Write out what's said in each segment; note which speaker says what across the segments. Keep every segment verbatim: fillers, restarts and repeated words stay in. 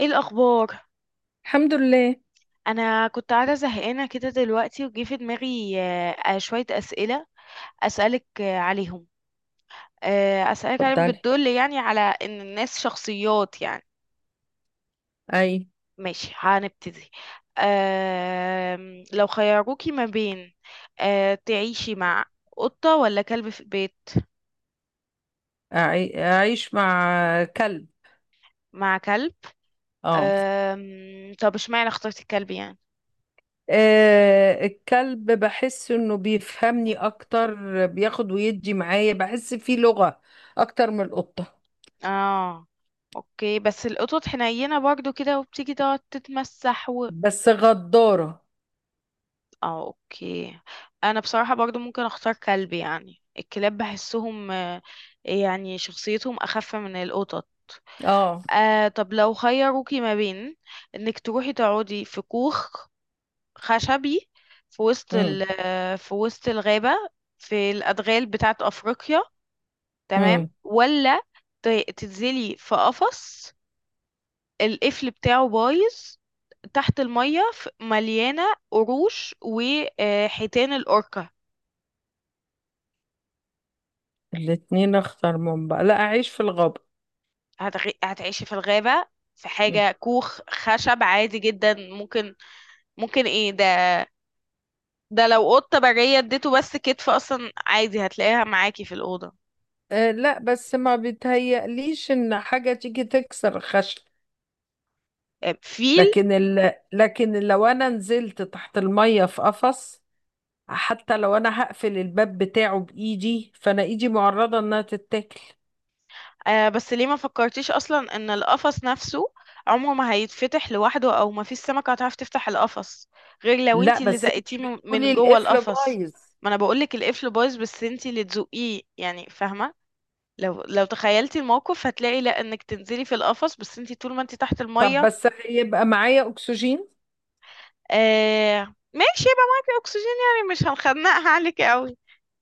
Speaker 1: ايه الاخبار؟
Speaker 2: الحمد لله.
Speaker 1: انا كنت قاعده زهقانه كده دلوقتي وجه في دماغي آه، آه، شويه اسئله اسالك آه، عليهم. آه، اسالك عليهم
Speaker 2: اتفضلي.
Speaker 1: بتدل يعني على ان الناس شخصيات يعني.
Speaker 2: اي.
Speaker 1: ماشي، هنبتدي. آم، لو خيروكي ما بين آه، تعيشي مع قطه ولا كلب في البيت؟
Speaker 2: أعي- اعيش مع كلب.
Speaker 1: مع كلب.
Speaker 2: اه.
Speaker 1: آم، طب اشمعنى اخترتي الكلب يعني؟
Speaker 2: آه، الكلب بحس انه بيفهمني اكتر. بياخد ويدي معايا، بحس فيه لغة اكتر من القطة.
Speaker 1: اه، اوكي، بس القطط حنينه برضو كده وبتيجي تقعد تتمسح.
Speaker 2: بس غدارة.
Speaker 1: اه، اوكي. انا بصراحة برضو ممكن اختار كلب، يعني الكلاب بحسهم آه، يعني شخصيتهم اخف من القطط.
Speaker 2: اه.
Speaker 1: آه طب لو خيروكي ما بين انك تروحي تقعدي في كوخ خشبي في وسط
Speaker 2: امم.
Speaker 1: ال آه، في وسط الغابة، في الادغال بتاعت افريقيا، تمام؟
Speaker 2: امم.
Speaker 1: ولا ت- تنزلي في قفص، القفل بتاعه بايظ، تحت المية ف- مليانة قروش وحيتان الأوركا؟
Speaker 2: الاتنين اخطر من بعض، لا اعيش في الغابة.
Speaker 1: هتغ... هتعيشي في الغابة في
Speaker 2: مم.
Speaker 1: حاجة كوخ خشب عادي جدا؟ ممكن. ممكن ايه ده؟ ده لو قطة برية اديته بس كتف اصلا عادي هتلاقيها معاكي في الأوضة.
Speaker 2: آه لا، بس ما بيتهيأليش ان حاجة تيجي تكسر الخشب.
Speaker 1: آه، فيل.
Speaker 2: لكن ال... لكن لو انا نزلت تحت المية في قفص، حتى لو انا هقفل الباب بتاعه بايدي، فانا ايدي معرضة انها تتاكل.
Speaker 1: آه بس ليه ما فكرتيش اصلا ان القفص نفسه عمره ما هيتفتح لوحده، او ما فيش سمكة هتعرف تفتح القفص غير لو
Speaker 2: لا،
Speaker 1: انتي اللي
Speaker 2: بس انت
Speaker 1: زقتيه من من
Speaker 2: بتقولي
Speaker 1: جوه
Speaker 2: القفل
Speaker 1: القفص؟
Speaker 2: بايظ.
Speaker 1: ما انا بقولك القفل بايظ بس انتي اللي تزقيه، يعني فاهمة؟ لو لو تخيلتي الموقف هتلاقي لا انك تنزلي في القفص بس انتي طول ما انتي تحت
Speaker 2: طب
Speaker 1: المية.
Speaker 2: بس هيبقى معايا اكسجين.
Speaker 1: آه ماشي، يبقى معاكي اكسجين، يعني مش هنخنقها عليك قوي.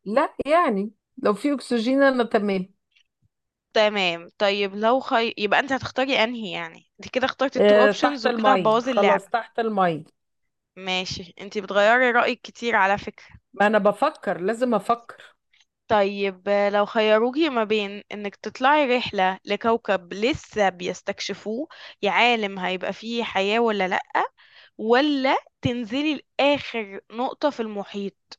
Speaker 2: لا يعني. لو في اكسجين، انا تمام.
Speaker 1: تمام، طيب لو خي... يبقى انت هتختاري انهي؟ يعني انت كده اخترتي التو
Speaker 2: آه،
Speaker 1: اوبشنز
Speaker 2: تحت
Speaker 1: وكده
Speaker 2: المية،
Speaker 1: هتبوظي اللعبة.
Speaker 2: خلاص تحت المية.
Speaker 1: ماشي، انت بتغيري رأيك كتير على فكرة.
Speaker 2: ما انا بفكر، لازم افكر.
Speaker 1: طيب آه، لو خيروكي ما بين انك تطلعي رحلة لكوكب لسه بيستكشفوه، يا عالم هيبقى فيه حياة ولا لأ، ولا تنزلي لآخر نقطة في المحيط؟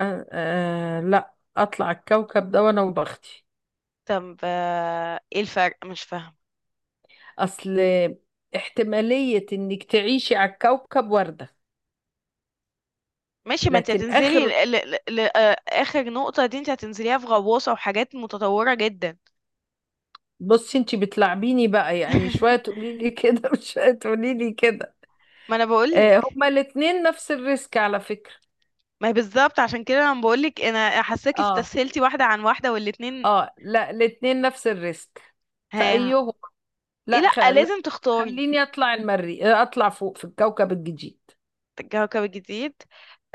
Speaker 2: آه آه، لا اطلع الكوكب ده وانا وبختي.
Speaker 1: طب آه، ايه الفرق، مش فاهمة.
Speaker 2: اصل احتمالية انك تعيشي على الكوكب وردة.
Speaker 1: ماشي، ما انت
Speaker 2: لكن
Speaker 1: هتنزلي
Speaker 2: اخر
Speaker 1: ل... ل... ل... آه، اخر نقطة دي انت هتنزليها في غواصة وحاجات متطورة جدا.
Speaker 2: بصي انتي بتلعبيني بقى، يعني شوية تقولي لي كده وشوية تقولي لي كده.
Speaker 1: ما انا
Speaker 2: آه،
Speaker 1: بقولك.
Speaker 2: هما الاتنين نفس الريسك على فكرة.
Speaker 1: ما هي بالظبط، عشان كده انا بقولك، انا حاساكي
Speaker 2: اه
Speaker 1: استسهلتي واحدة عن واحدة والاتنين.
Speaker 2: اه، لا الاتنين نفس الريسك.
Speaker 1: ها؟
Speaker 2: فأيهم؟
Speaker 1: ايه،
Speaker 2: لا، خ...
Speaker 1: لا
Speaker 2: لا.
Speaker 1: لازم تختاري.
Speaker 2: خليني اطلع المري آه، اطلع فوق في الكوكب الجديد.
Speaker 1: كوكب جديد.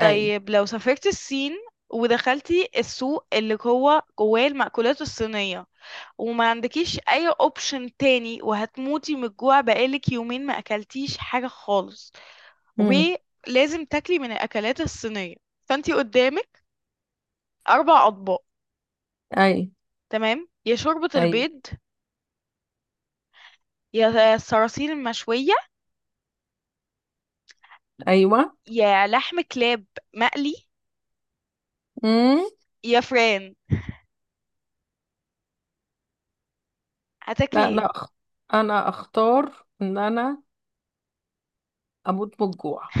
Speaker 2: اي.
Speaker 1: لو سافرت الصين، ودخلتي السوق اللي هو جواه المأكولات الصينية، وما عندكيش اي اوبشن تاني، وهتموتي من الجوع، بقالك يومين ما اكلتيش حاجة خالص،
Speaker 2: مم.
Speaker 1: ولازم تاكلي من الأكلات الصينية، فأنتي قدامك أربع أطباق،
Speaker 2: اي.
Speaker 1: تمام؟ يا شوربة
Speaker 2: ايوه.
Speaker 1: البيض، يا الصراصير المشوية،
Speaker 2: ايوه.
Speaker 1: يا لحم كلاب مقلي،
Speaker 2: مم.
Speaker 1: يا فران. هتاكلي
Speaker 2: لا،
Speaker 1: ايه؟
Speaker 2: انا أخ... انا اختار ان انا اموت من الجوع.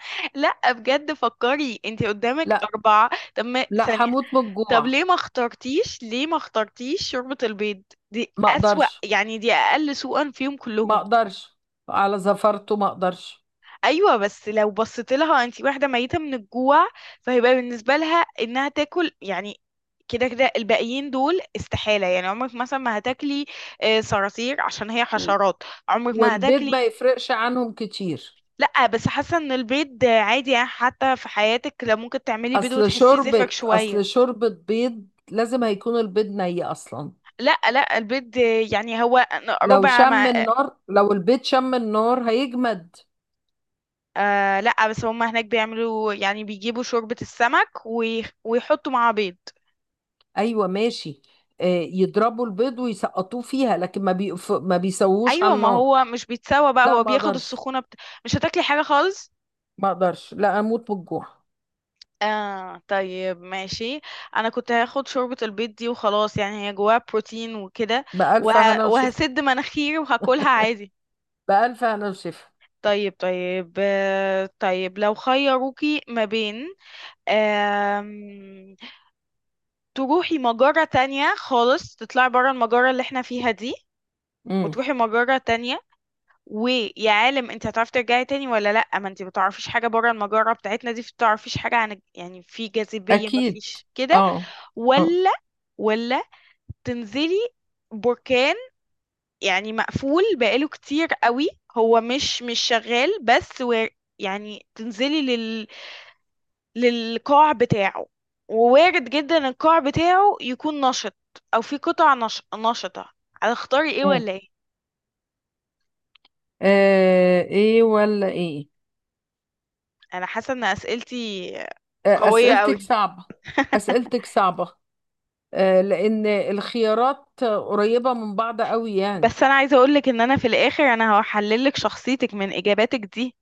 Speaker 1: لا بجد، فكري انتي قدامك
Speaker 2: لا
Speaker 1: أربعة. طب ما
Speaker 2: لا،
Speaker 1: ثانية.
Speaker 2: هموت من
Speaker 1: طب
Speaker 2: الجوع.
Speaker 1: ليه ما اخترتيش، ليه ما اخترتيش شوربة البيض؟ دي
Speaker 2: ما
Speaker 1: أسوأ،
Speaker 2: اقدرش.
Speaker 1: يعني دي أقل سوءا فيهم
Speaker 2: ما
Speaker 1: كلهم.
Speaker 2: اقدرش على زفرته. ما اقدرش.
Speaker 1: ايوه بس لو بصيت لها انت واحده ميته من الجوع، فهيبقى بالنسبه لها انها تاكل يعني. كده كده الباقيين دول استحاله، يعني عمرك مثلا ما هتاكلي آه، صراصير عشان هي حشرات، عمرك ما
Speaker 2: والبيض ما
Speaker 1: هتاكلي.
Speaker 2: يفرقش عنهم كتير.
Speaker 1: لا بس حاسه ان البيض آه، عادي، يعني حتى في حياتك لو ممكن تعملي بيض
Speaker 2: اصل
Speaker 1: وتحسي زفرك
Speaker 2: شوربة
Speaker 1: شويه.
Speaker 2: اصل شوربة بيض لازم هيكون البيض ني اصلا.
Speaker 1: لا لا، البيض آه، يعني هو
Speaker 2: لو
Speaker 1: ربع
Speaker 2: شم
Speaker 1: ما...
Speaker 2: النار لو البيض شم النار هيجمد.
Speaker 1: آه لا بس هم هناك بيعملوا، يعني بيجيبوا شوربة السمك ويخ- ويحطوا معاه بيض.
Speaker 2: ايوه ماشي. آه، يضربوا البيض ويسقطوه فيها، لكن ما بي... ما بيسووش
Speaker 1: ايوه،
Speaker 2: على
Speaker 1: ما
Speaker 2: النار.
Speaker 1: هو مش بيتسوى بقى،
Speaker 2: لا،
Speaker 1: هو
Speaker 2: ما
Speaker 1: بياخد
Speaker 2: اقدرش.
Speaker 1: السخونه بت... مش هتاكلي حاجه خالص؟
Speaker 2: ما اقدرش، لا اموت من الجوع.
Speaker 1: آه طيب ماشي. انا كنت هاخد شوربه البيض دي وخلاص، يعني هي جواها بروتين وكده، وه...
Speaker 2: بألف هنا وشفا.
Speaker 1: وهسد مناخيري وهاكلها عادي.
Speaker 2: بألف هنا وشفا.
Speaker 1: طيب طيب، آه طيب لو خيروكي ما بين آم... تروحي مجرة تانية خالص، تطلعي برا المجرة اللي احنا فيها دي
Speaker 2: امم.
Speaker 1: وتروحي مجرة تانية، ويا عالم انت هتعرفي ترجعي تاني ولا لا، ما انت ما تعرفيش حاجه بره المجره بتاعتنا دي، بتعرفيش حاجه عن يعني في جاذبيه ما
Speaker 2: اكيد.
Speaker 1: فيش كده،
Speaker 2: اه. اه.
Speaker 1: ولا، ولا تنزلي بركان، يعني مقفول بقاله كتير قوي، هو مش مش شغال بس، و يعني تنزلي لل للقاع بتاعه، ووارد جدا القاع بتاعه يكون نشط، او في قطع نش... نشطه؟ هتختاري ايه
Speaker 2: مم.
Speaker 1: ولا ايه؟
Speaker 2: آه، ايه ولا ايه؟
Speaker 1: انا حاسه ان اسئلتي
Speaker 2: آه،
Speaker 1: قويه
Speaker 2: أسئلتك
Speaker 1: قوي.
Speaker 2: صعبة. أسئلتك صعبة، آه، لأن الخيارات قريبة من بعض قوي يعني.
Speaker 1: بس انا عايزه اقولك ان انا في الاخر انا هحللك شخصيتك من اجاباتك دي.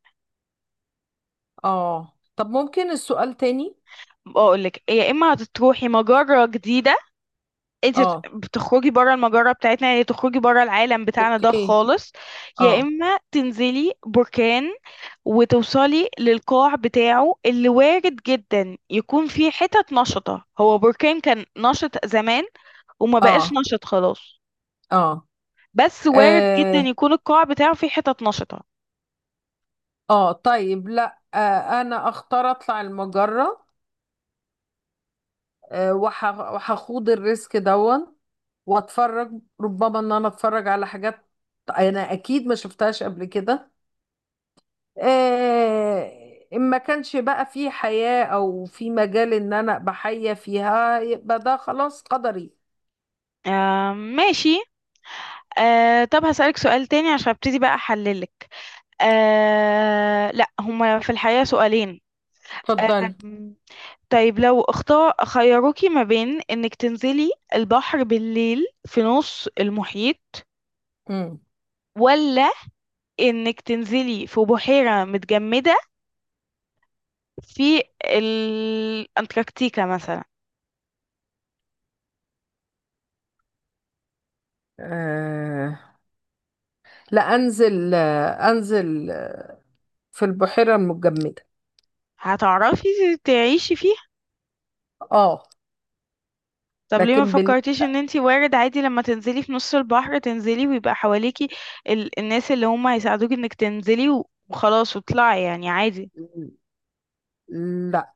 Speaker 2: اه، طب ممكن السؤال تاني.
Speaker 1: بقولك يا اما هتروحي مجره جديده، انت
Speaker 2: اه.
Speaker 1: بتخرجي بره المجره بتاعتنا، يعني تخرجي بره العالم بتاعنا ده
Speaker 2: اوكي.
Speaker 1: خالص، يا
Speaker 2: اه.
Speaker 1: اما تنزلي بركان وتوصلي للقاع بتاعه اللي وارد جدا يكون فيه حتت نشطه. هو بركان كان نشط زمان وما بقاش
Speaker 2: اه.
Speaker 1: نشط خلاص،
Speaker 2: اه
Speaker 1: بس وارد جدا
Speaker 2: اه.
Speaker 1: يكون القاع بتاعه فيه حتت نشطه.
Speaker 2: آه. طيب لا، آه. أنا أختار أطلع المجرة. آه. وح... وهخوض الريسك دون. وأتفرج. ربما إن أنا أتفرج على حاجات أنا أكيد ما شفتهاش قبل كده. آه، إن ما كانش بقى في حياة أو في مجال إن أنا أبقى حية فيها، يبقى ده خلاص قدري.
Speaker 1: آه ماشي. آه طب هسألك سؤال تاني عشان ابتدي بقى أحللك. آه لا، هما في الحقيقة سؤالين.
Speaker 2: اتفضلي.
Speaker 1: آم، طيب لو اختار خيروكي ما بين انك تنزلي البحر بالليل في نص المحيط،
Speaker 2: مم.
Speaker 1: ولا انك تنزلي في بحيرة متجمدة في الأنتاركتيكا مثلا؟
Speaker 2: آه، لا أنزل آه، أنزل آه، في البحيرة المجمدة.
Speaker 1: هتعرفي تعيشي فيها؟
Speaker 2: آه.
Speaker 1: طب ليه ما
Speaker 2: لكن بال...
Speaker 1: فكرتيش ان انتي وارد عادي لما تنزلي في نص البحر تنزلي ويبقى حواليكي ال... الناس اللي هم هيساعدوكي انك تنزلي و- وخلاص وطلعي، يعني عادي؟
Speaker 2: لا.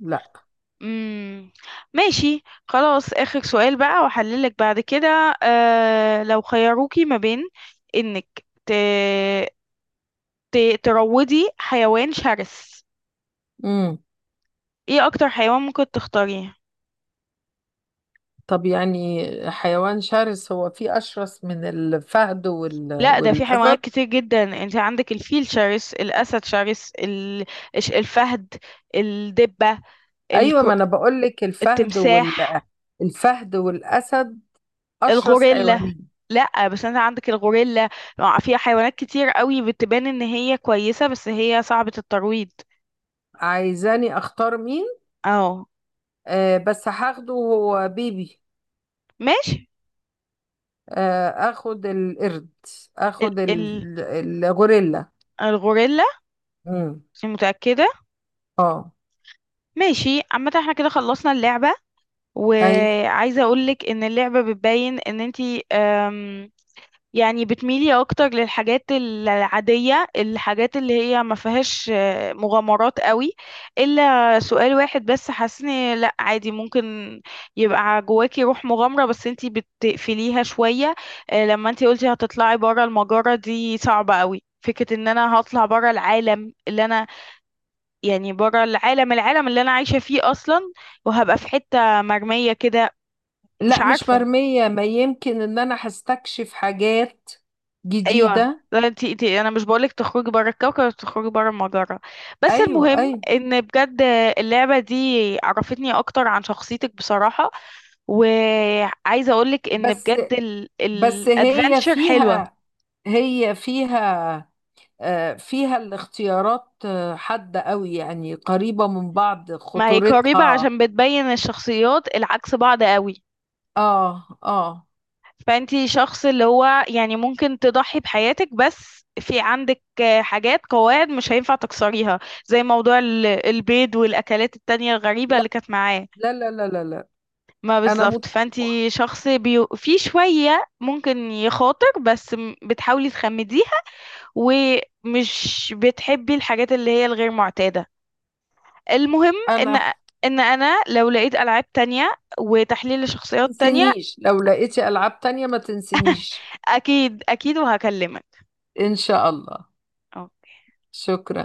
Speaker 2: لا.
Speaker 1: امم ماشي خلاص، اخر سؤال بقى واحللك بعد كده. آه... لو خيروكي ما بين انك ت... ت... تروضي حيوان شرس،
Speaker 2: مم.
Speaker 1: ايه اكتر حيوان ممكن تختاريه؟
Speaker 2: طب يعني حيوان شرس، هو فيه أشرس من الفهد وال...
Speaker 1: لا ده في
Speaker 2: والأسد؟
Speaker 1: حيوانات كتير جدا. انت عندك الفيل شرس، الاسد شرس، ال... الش- الفهد، الدبة،
Speaker 2: أيوة،
Speaker 1: الكر...
Speaker 2: ما أنا بقول لك الفهد وال
Speaker 1: التمساح،
Speaker 2: الفهد والأسد، أشرس
Speaker 1: الغوريلا.
Speaker 2: حيوانين.
Speaker 1: لا بس انت عندك الغوريلا، مع- في حيوانات كتير قوي بتبان ان هي كويسة بس هي صعبة الترويض.
Speaker 2: عايزاني اختار مين؟
Speaker 1: اه،
Speaker 2: آه، بس هاخده هو بيبي.
Speaker 1: ماشي.
Speaker 2: آه، اخد القرد.
Speaker 1: ال...
Speaker 2: اخد
Speaker 1: ال...
Speaker 2: ال- الغوريلا.
Speaker 1: الغوريلا؟
Speaker 2: امم.
Speaker 1: أنت متأكدة؟
Speaker 2: اه.
Speaker 1: ماشي، عامة احنا كده خلصنا اللعبة،
Speaker 2: اي.
Speaker 1: وعايزة اقولك ان اللعبة بتبين ان انتي يعني بتميلي اكتر للحاجات العادية، الحاجات اللي هي ما فيهاش آه، مغامرات قوي، الا سؤال واحد بس حاسني لا عادي، ممكن يبقى جواكي روح مغامرة بس انتي بتقفليها شوية. آه، لما انتي قلتي هتطلعي برا المجرة دي صعبة قوي، فكرة ان انا هطلع برا العالم اللي انا، يعني برا العالم العالم اللي انا عايشة فيه اصلا، وهبقى في حتة مرمية كده. مش
Speaker 2: لا، مش
Speaker 1: عارفة.
Speaker 2: مرمية، ما يمكن ان انا هستكشف حاجات
Speaker 1: ايوه،
Speaker 2: جديدة.
Speaker 1: لا انتي انتي، انا مش بقولك تخرجي بره الكوكب، تخرجي بره المجره. بس
Speaker 2: ايوه
Speaker 1: المهم
Speaker 2: ايوه.
Speaker 1: ان بجد اللعبه دي عرفتني اكتر عن شخصيتك بصراحه، وعايزه اقولك ان
Speaker 2: بس
Speaker 1: بجد
Speaker 2: بس هي
Speaker 1: الادفنتشر حلوه.
Speaker 2: فيها، هي فيها آه، فيها الاختيارات آه، حادة قوي يعني، قريبة من بعض
Speaker 1: ما هي قريبه
Speaker 2: خطورتها.
Speaker 1: عشان بتبين الشخصيات العكس بعض قوي.
Speaker 2: اه. اه.
Speaker 1: فانتي شخص اللي هو يعني ممكن تضحي بحياتك، بس في عندك حاجات، قواعد مش هينفع تكسريها، زي موضوع ال- البيض والاكلات التانية الغريبه
Speaker 2: لا
Speaker 1: اللي كانت معاه.
Speaker 2: لا لا لا لا لا.
Speaker 1: ما
Speaker 2: انا مت...
Speaker 1: بالظبط، فانتي شخص بيو... في شوية ممكن يخاطر بس م- بتحاولي تخمديها، ومش بتحبي الحاجات اللي هي الغير معتادة. المهم
Speaker 2: انا
Speaker 1: ان
Speaker 2: ما
Speaker 1: ان انا لو لقيت العاب تانية وتحليل لشخصيات تانية.
Speaker 2: تنسينيش، لو لقيتي العاب تانية ما تنسينيش.
Speaker 1: اكيد اكيد وهكلمك.
Speaker 2: ان شاء الله.
Speaker 1: أوكي.
Speaker 2: شكرا.